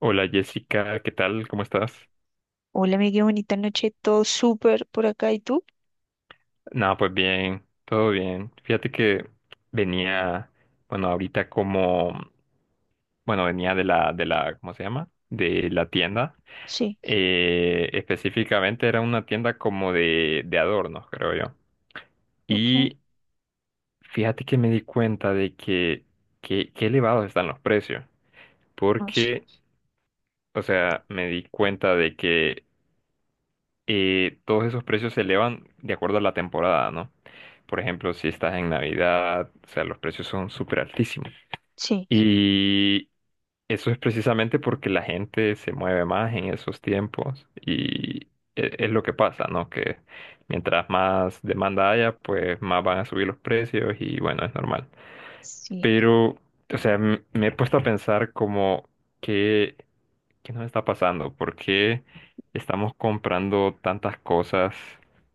Hola Jessica, ¿qué tal? ¿Cómo estás? Hola, amiga, qué bonita noche. Todo súper por acá. ¿Y tú? Nada, pues bien, todo bien. Fíjate que venía, bueno, ahorita como, bueno, venía de la, ¿cómo se llama? De la tienda. Sí, Específicamente era una tienda como de adornos, creo yo. ok. Y fíjate que me di cuenta de que elevados están los precios. No sé. Porque, o sea, me di cuenta de que y todos esos precios se elevan de acuerdo a la temporada, ¿no? Por ejemplo, si estás en Navidad, o sea, los precios son súper altísimos. Sí, Y eso es precisamente porque la gente se mueve más en esos tiempos y es lo que pasa, ¿no? Que mientras más demanda haya, pues más van a subir los precios y bueno, es normal. sí. Pero, o sea, me he puesto a pensar como que ¿qué nos está pasando? ¿Por qué estamos comprando tantas cosas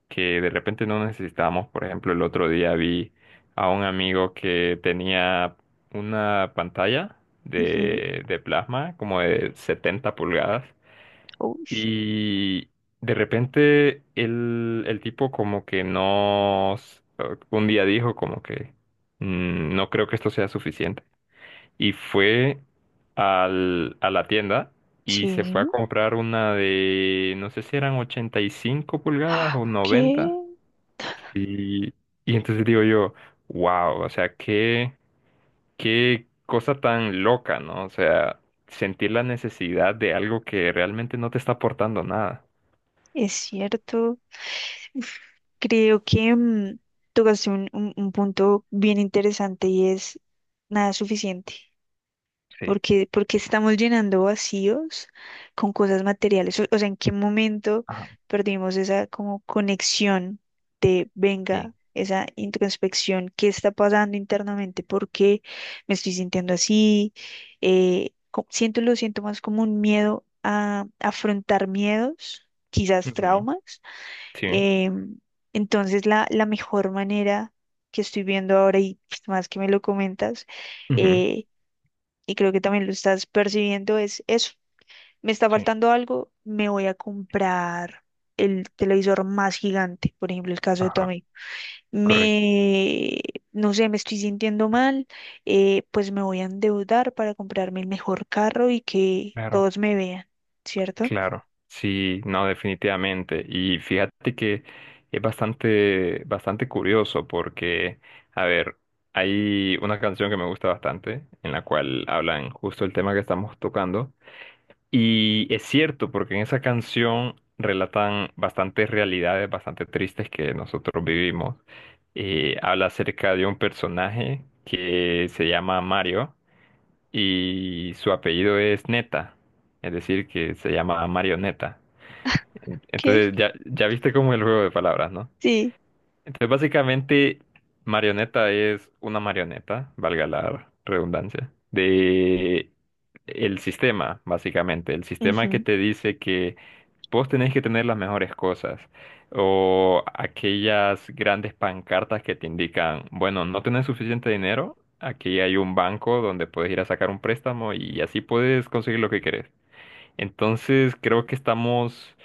que de repente no necesitamos? Por ejemplo, el otro día vi a un amigo que tenía una pantalla Ujú, de plasma como de 70 pulgadas, ush, y de repente el tipo como que no, un día dijo como que: "Mm, no creo que esto sea suficiente", y fue a la tienda y se fue a sí. comprar una de, no sé si eran 85 pulgadas Ah, o 90. ¿qué? Y, y entonces digo yo, wow, o sea, qué, qué cosa tan loca, ¿no? O sea, sentir la necesidad de algo que realmente no te está aportando nada. Es cierto. Uf, creo que tocaste un punto bien interesante y es nada suficiente. Sí. Porque estamos llenando vacíos con cosas materiales. O sea, ¿en qué momento Ajá. perdimos esa como conexión de, Sí. venga, esa introspección, qué está pasando internamente? ¿Por qué me estoy sintiendo así? Lo siento más como un miedo a afrontar miedos, quizás Ujú. traumas. Sí. Em, entonces, la mejor manera que estoy viendo ahora y pues, más que me lo comentas, Ujú. eh, y creo que también lo estás percibiendo, es eso. Me está Sí. faltando algo, me voy a comprar el televisor más gigante, por ejemplo, el caso de Ajá. Tommy. Correcto. Me, no sé, me estoy sintiendo mal, pues me voy a endeudar para comprarme el mejor carro y que todos me vean, ¿cierto? Claro, sí, no, definitivamente. Y fíjate que es bastante, bastante curioso porque, a ver, hay una canción que me gusta bastante, en la cual hablan justo el tema que estamos tocando. Y es cierto, porque en esa canción relatan bastantes realidades bastante tristes que nosotros vivimos. Habla acerca de un personaje que se llama Mario y su apellido es Neta, es decir, que se llama Marioneta. Ok, Entonces ya, ya viste como el juego de palabras, ¿no? sí. Entonces básicamente marioneta es una marioneta, valga la redundancia, de el sistema, básicamente. El sistema que Ujú, te dice que vos tenés que tener las mejores cosas o aquellas grandes pancartas que te indican, bueno, no tenés suficiente dinero, aquí hay un banco donde puedes ir a sacar un préstamo y así puedes conseguir lo que querés. Entonces creo que estamos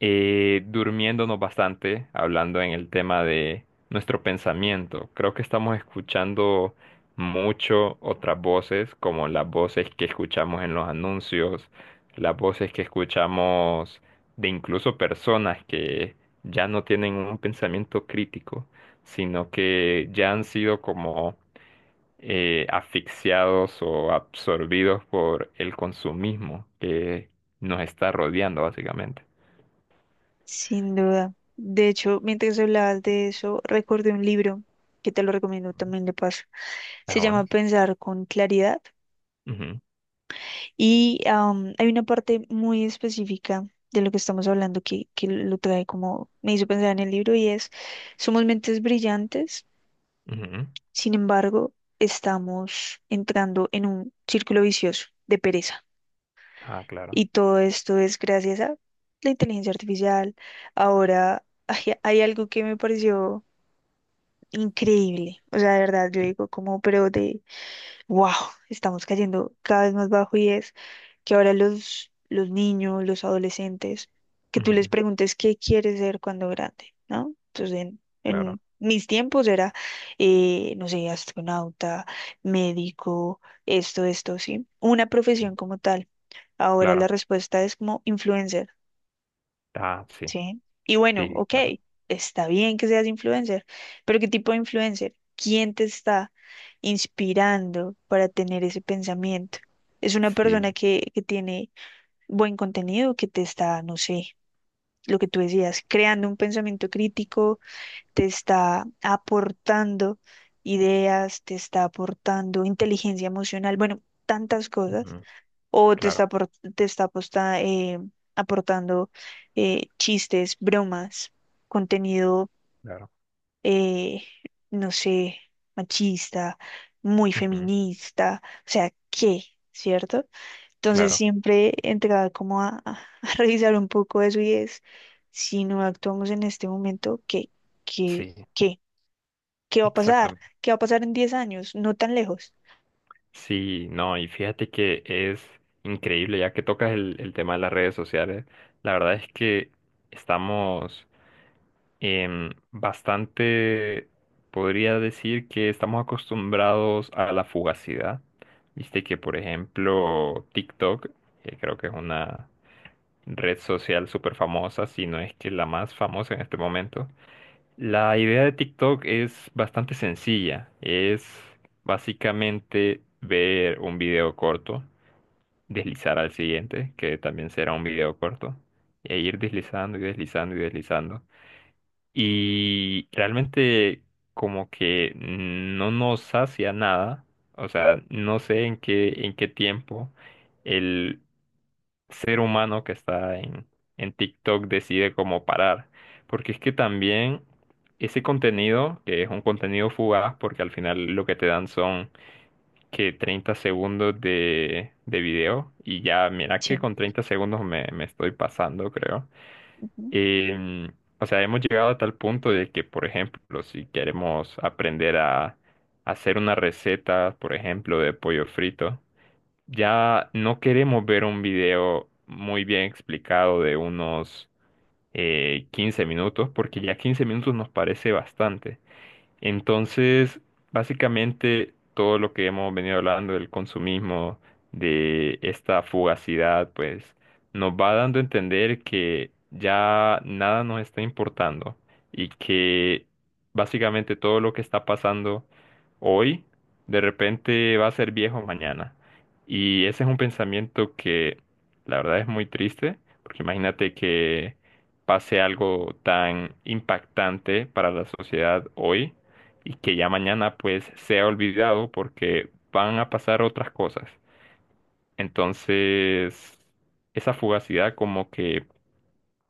durmiéndonos bastante, hablando en el tema de nuestro pensamiento. Creo que estamos escuchando mucho otras voces, como las voces que escuchamos en los anuncios, las voces que escuchamos de incluso personas que ya no tienen un pensamiento crítico, sino que ya han sido como asfixiados o absorbidos por el consumismo que nos está rodeando básicamente. sin duda. De hecho, mientras hablabas de eso, recordé un libro que te lo recomiendo también de paso. Se Ah, bueno. llama Pensar con claridad. Ujú, Y hay una parte muy específica de lo que estamos hablando que, lo trae como, me hizo pensar en el libro y es, somos mentes brillantes, ujú. sin embargo, estamos entrando en un círculo vicioso de pereza. Ah, claro. Y todo esto es gracias a la inteligencia artificial. Ahora, hay, algo que me pareció increíble. O sea, de verdad, yo Sí. digo como, wow, estamos cayendo cada vez más bajo y es que ahora los niños, los adolescentes, que tú les Ujú. preguntes qué quieres ser cuando grande, ¿no? Entonces, en, Claro, en mis tiempos era, no sé, astronauta, médico, esto, sí, una profesión como tal. Ahora la claro. respuesta es como influencer. Ah, sí, ¿Sí? Y bueno, sí, ok, claro. está bien que seas influencer, pero ¿qué tipo de influencer? ¿Quién te está inspirando para tener ese pensamiento? ¿Es una persona Sí, que, tiene buen contenido, que te está, no sé, lo que tú decías, creando un pensamiento crítico, te está aportando ideas, te está aportando inteligencia emocional, bueno, tantas cosas? ujú. O te está, Claro, apor- te está aposta- eh, aportando chistes, bromas, contenido, claro. eh, no sé, machista, muy Ujú. feminista, o sea, ¿qué? ¿Cierto? Entonces Claro, siempre entraba como a, a revisar un poco eso y es, si no actuamos en este momento, ¿qué? ¿Qué? sí, ¿Qué? ¿Qué va a pasar? exactamente. ¿Qué va a pasar en 10 años? No tan lejos. Sí, no, y fíjate que es increíble, ya que tocas el tema de las redes sociales, la verdad es que estamos bastante, podría decir que estamos acostumbrados a la fugacidad. Viste que, por ejemplo, TikTok, que creo que es una red social súper famosa, si no es que la más famosa en este momento. La idea de TikTok es bastante sencilla. Es básicamente ver un video corto, deslizar al siguiente, que también será un video corto, e ir deslizando y deslizando y deslizando. Y realmente como que no nos sacia nada. O sea, no sé en qué tiempo el ser humano que está en TikTok decide cómo parar. Porque es que también ese contenido, que es un contenido fugaz, porque al final lo que te dan son que 30 segundos de video, y ya, mira que Sí. con 30 segundos me estoy pasando, creo. Ujú. Em, o sea, hemos llegado a tal punto de que, por ejemplo, si queremos aprender a hacer una receta, por ejemplo, de pollo frito, ya no queremos ver un video muy bien explicado de unos 15 minutos, porque ya 15 minutos nos parece bastante. Entonces, básicamente todo lo que hemos venido hablando del consumismo, de esta fugacidad, pues nos va dando a entender que ya nada nos está importando y que básicamente todo lo que está pasando hoy de repente va a ser viejo mañana. Y ese es un pensamiento que la verdad es muy triste, porque imagínate que pase algo tan impactante para la sociedad hoy y que ya mañana pues sea olvidado porque van a pasar otras cosas. Entonces, esa fugacidad como que,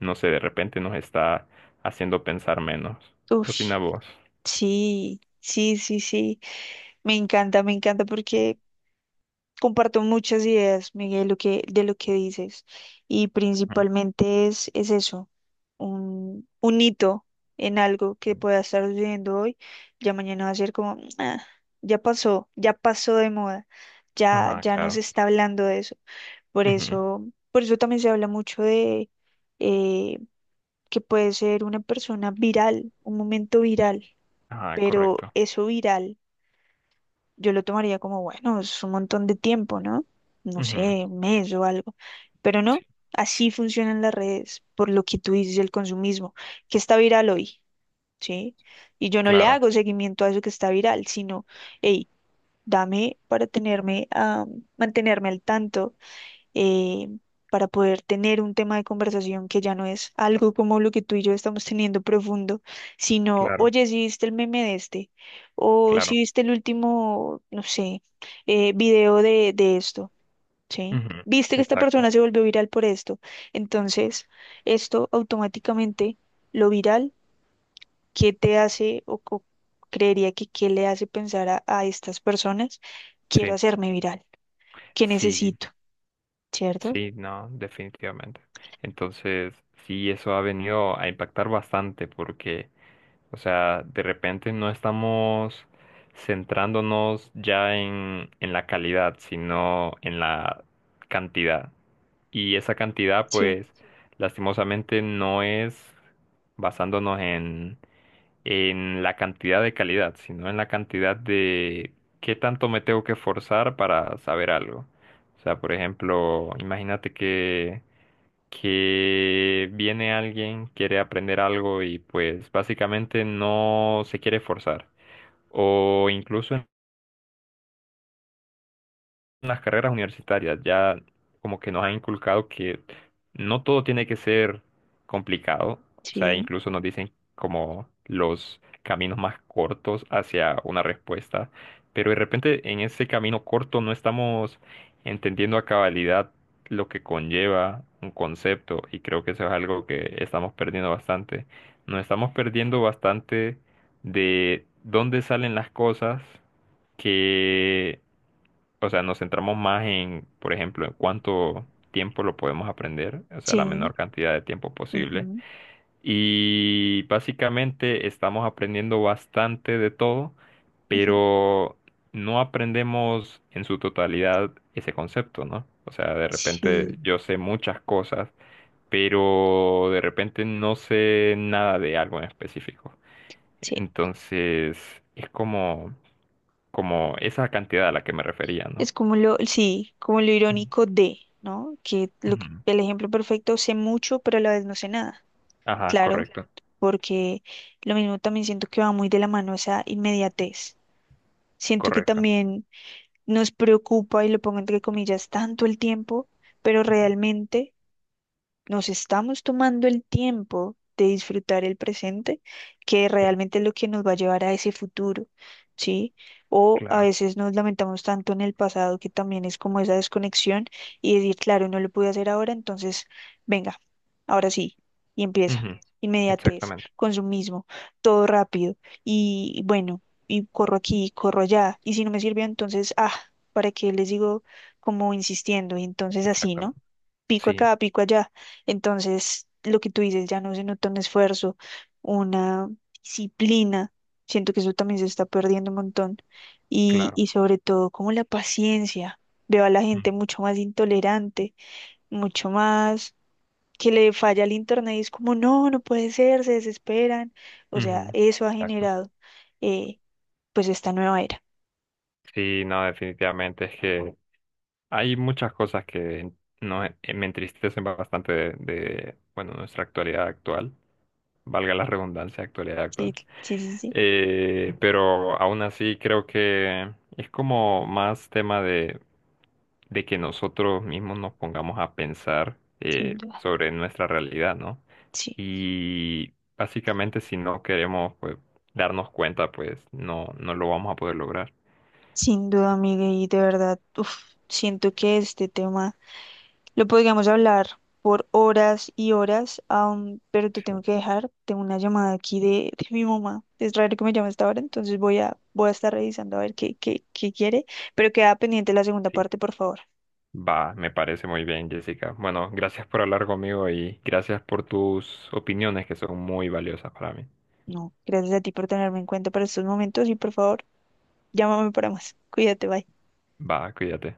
no sé, de repente nos está haciendo pensar menos. ¿Qué opinas Ush, vos? sí, sí, sí, sí. Me encanta Sí. porque comparto muchas ideas, Miguel, de lo que, dices. Y Ajá. principalmente es eso, un hito en algo que Sí. pueda estar sucediendo hoy. Ya mañana va a ser como, "Ah, ya pasó de moda, ya, Ajá, ya no se claro. está hablando de eso." Por Ujú. eso, por eso también se habla mucho de eh, que puede ser una persona viral, un momento viral, Ajá, pero correcto. eso viral. Yo lo tomaría como, bueno, es un montón de tiempo, ¿no? No Ujú. sé, un mes o algo. Pero Sí, no, así funcionan las redes, por lo que tú dices, el consumismo, que está viral hoy, ¿sí? Y yo no le claro, hago seguimiento a eso que está viral, sino, hey, dame para tenerme, a mantenerme al tanto eh, para poder tener un tema de conversación que ya no es algo como lo que tú y yo estamos teniendo profundo, sino, claro, oye, si viste el meme de este, o si claro. viste el último, no sé, video de esto, ¿sí? Ujú. Viste que esta Exacto. persona se volvió viral por esto. Entonces, esto automáticamente, lo viral, ¿qué te hace o creería que qué le hace pensar a, estas personas? Quiero Sí, hacerme viral, ¿qué sí, necesito? ¿Cierto? sí, no, definitivamente. Entonces, sí, eso ha venido a impactar bastante porque, o sea, de repente no estamos centrándonos ya en la calidad, sino en la cantidad. Y esa cantidad, Sí, pues, lastimosamente no es basándonos en la cantidad de calidad, sino en la cantidad de qué tanto me tengo que forzar para saber algo. O sea, por ejemplo, imagínate que viene alguien, quiere aprender algo y pues básicamente no se quiere forzar. O incluso las carreras universitarias ya como que nos han inculcado que no todo tiene que ser complicado, o sea, sí. incluso nos dicen como los caminos más cortos hacia una respuesta, pero de repente en ese camino corto no estamos entendiendo a cabalidad lo que conlleva un concepto, y creo que eso es algo que estamos perdiendo bastante. Nos estamos perdiendo bastante de dónde salen las cosas que, o sea, nos centramos más en, por ejemplo, en cuánto tiempo lo podemos aprender, o sea, la Sí, menor cantidad de tiempo posible. ujú, Y básicamente estamos aprendiendo bastante de todo, ujú, pero no aprendemos en su totalidad ese concepto, ¿no? O sea, de repente sí, yo sé muchas cosas, pero de repente no sé nada de algo en específico. sí. Entonces, es como, como esa cantidad a la que me refería, ¿no? Es como lo, sí, como lo irónico de, ¿no? Que Ujú. el ejemplo perfecto, sé mucho, pero a la vez no sé nada. Ajá. Claro, Claro, correcto, porque lo mismo también siento que va muy de la mano esa inmediatez. Siento que correcto. también nos preocupa, y lo pongo entre comillas, tanto el tiempo, pero realmente nos estamos tomando el tiempo de disfrutar el presente, que Sí, realmente es lo que nos va a llevar a ese futuro, ¿sí? O a claro. veces nos lamentamos tanto en el pasado que también es como esa desconexión y decir, claro, no lo pude hacer ahora, entonces, venga, ahora sí, y empieza. Ujú. Inmediatez, Exactamente, consumismo, todo rápido y bueno, y corro aquí, y corro allá, y si no me sirvió, entonces, ah, ¿para qué les digo como insistiendo? Y entonces así, ¿no? exactamente. Pico Sí, acá, pico allá. Entonces, lo que tú dices, ya no se nota un esfuerzo, una disciplina. Siento que eso también se está perdiendo un montón. Y, claro. y sobre todo, como la paciencia. Veo a la Ujú, gente mucho más intolerante, mucho más que le falla el internet y es como, no, no puede ser, se desesperan. O sea, ujú. eso ha Exacto. generado eh, pues esta nueva era. Sí, no, definitivamente es que hay muchas cosas que no, me entristecen bastante bueno, nuestra actualidad actual, valga la redundancia, actualidad Sí, actual. sí, sí, sí, sí, Pero aún así creo que es como más tema de que nosotros mismos nos pongamos a pensar sin duda. sobre nuestra realidad, ¿no? Sí. Y básicamente si no queremos, pues, darnos cuenta, pues no, no lo vamos a poder lograr. Sin Sí. duda, Miguel, y de verdad, uf, siento que este tema lo podríamos hablar por horas y horas, pero te tengo que dejar. Tengo una llamada aquí de mi mamá. Es raro que me llame a esta hora, entonces voy a estar revisando a ver qué quiere, pero queda pendiente la segunda Sí. parte, por favor. Va, me parece muy bien, Jessica. Bueno, gracias por hablar conmigo y gracias por tus opiniones que son muy valiosas para mí. No, gracias a ti por tenerme en cuenta para estos momentos y por favor, llámame para más. Cuídate, bye. Va, cuídate.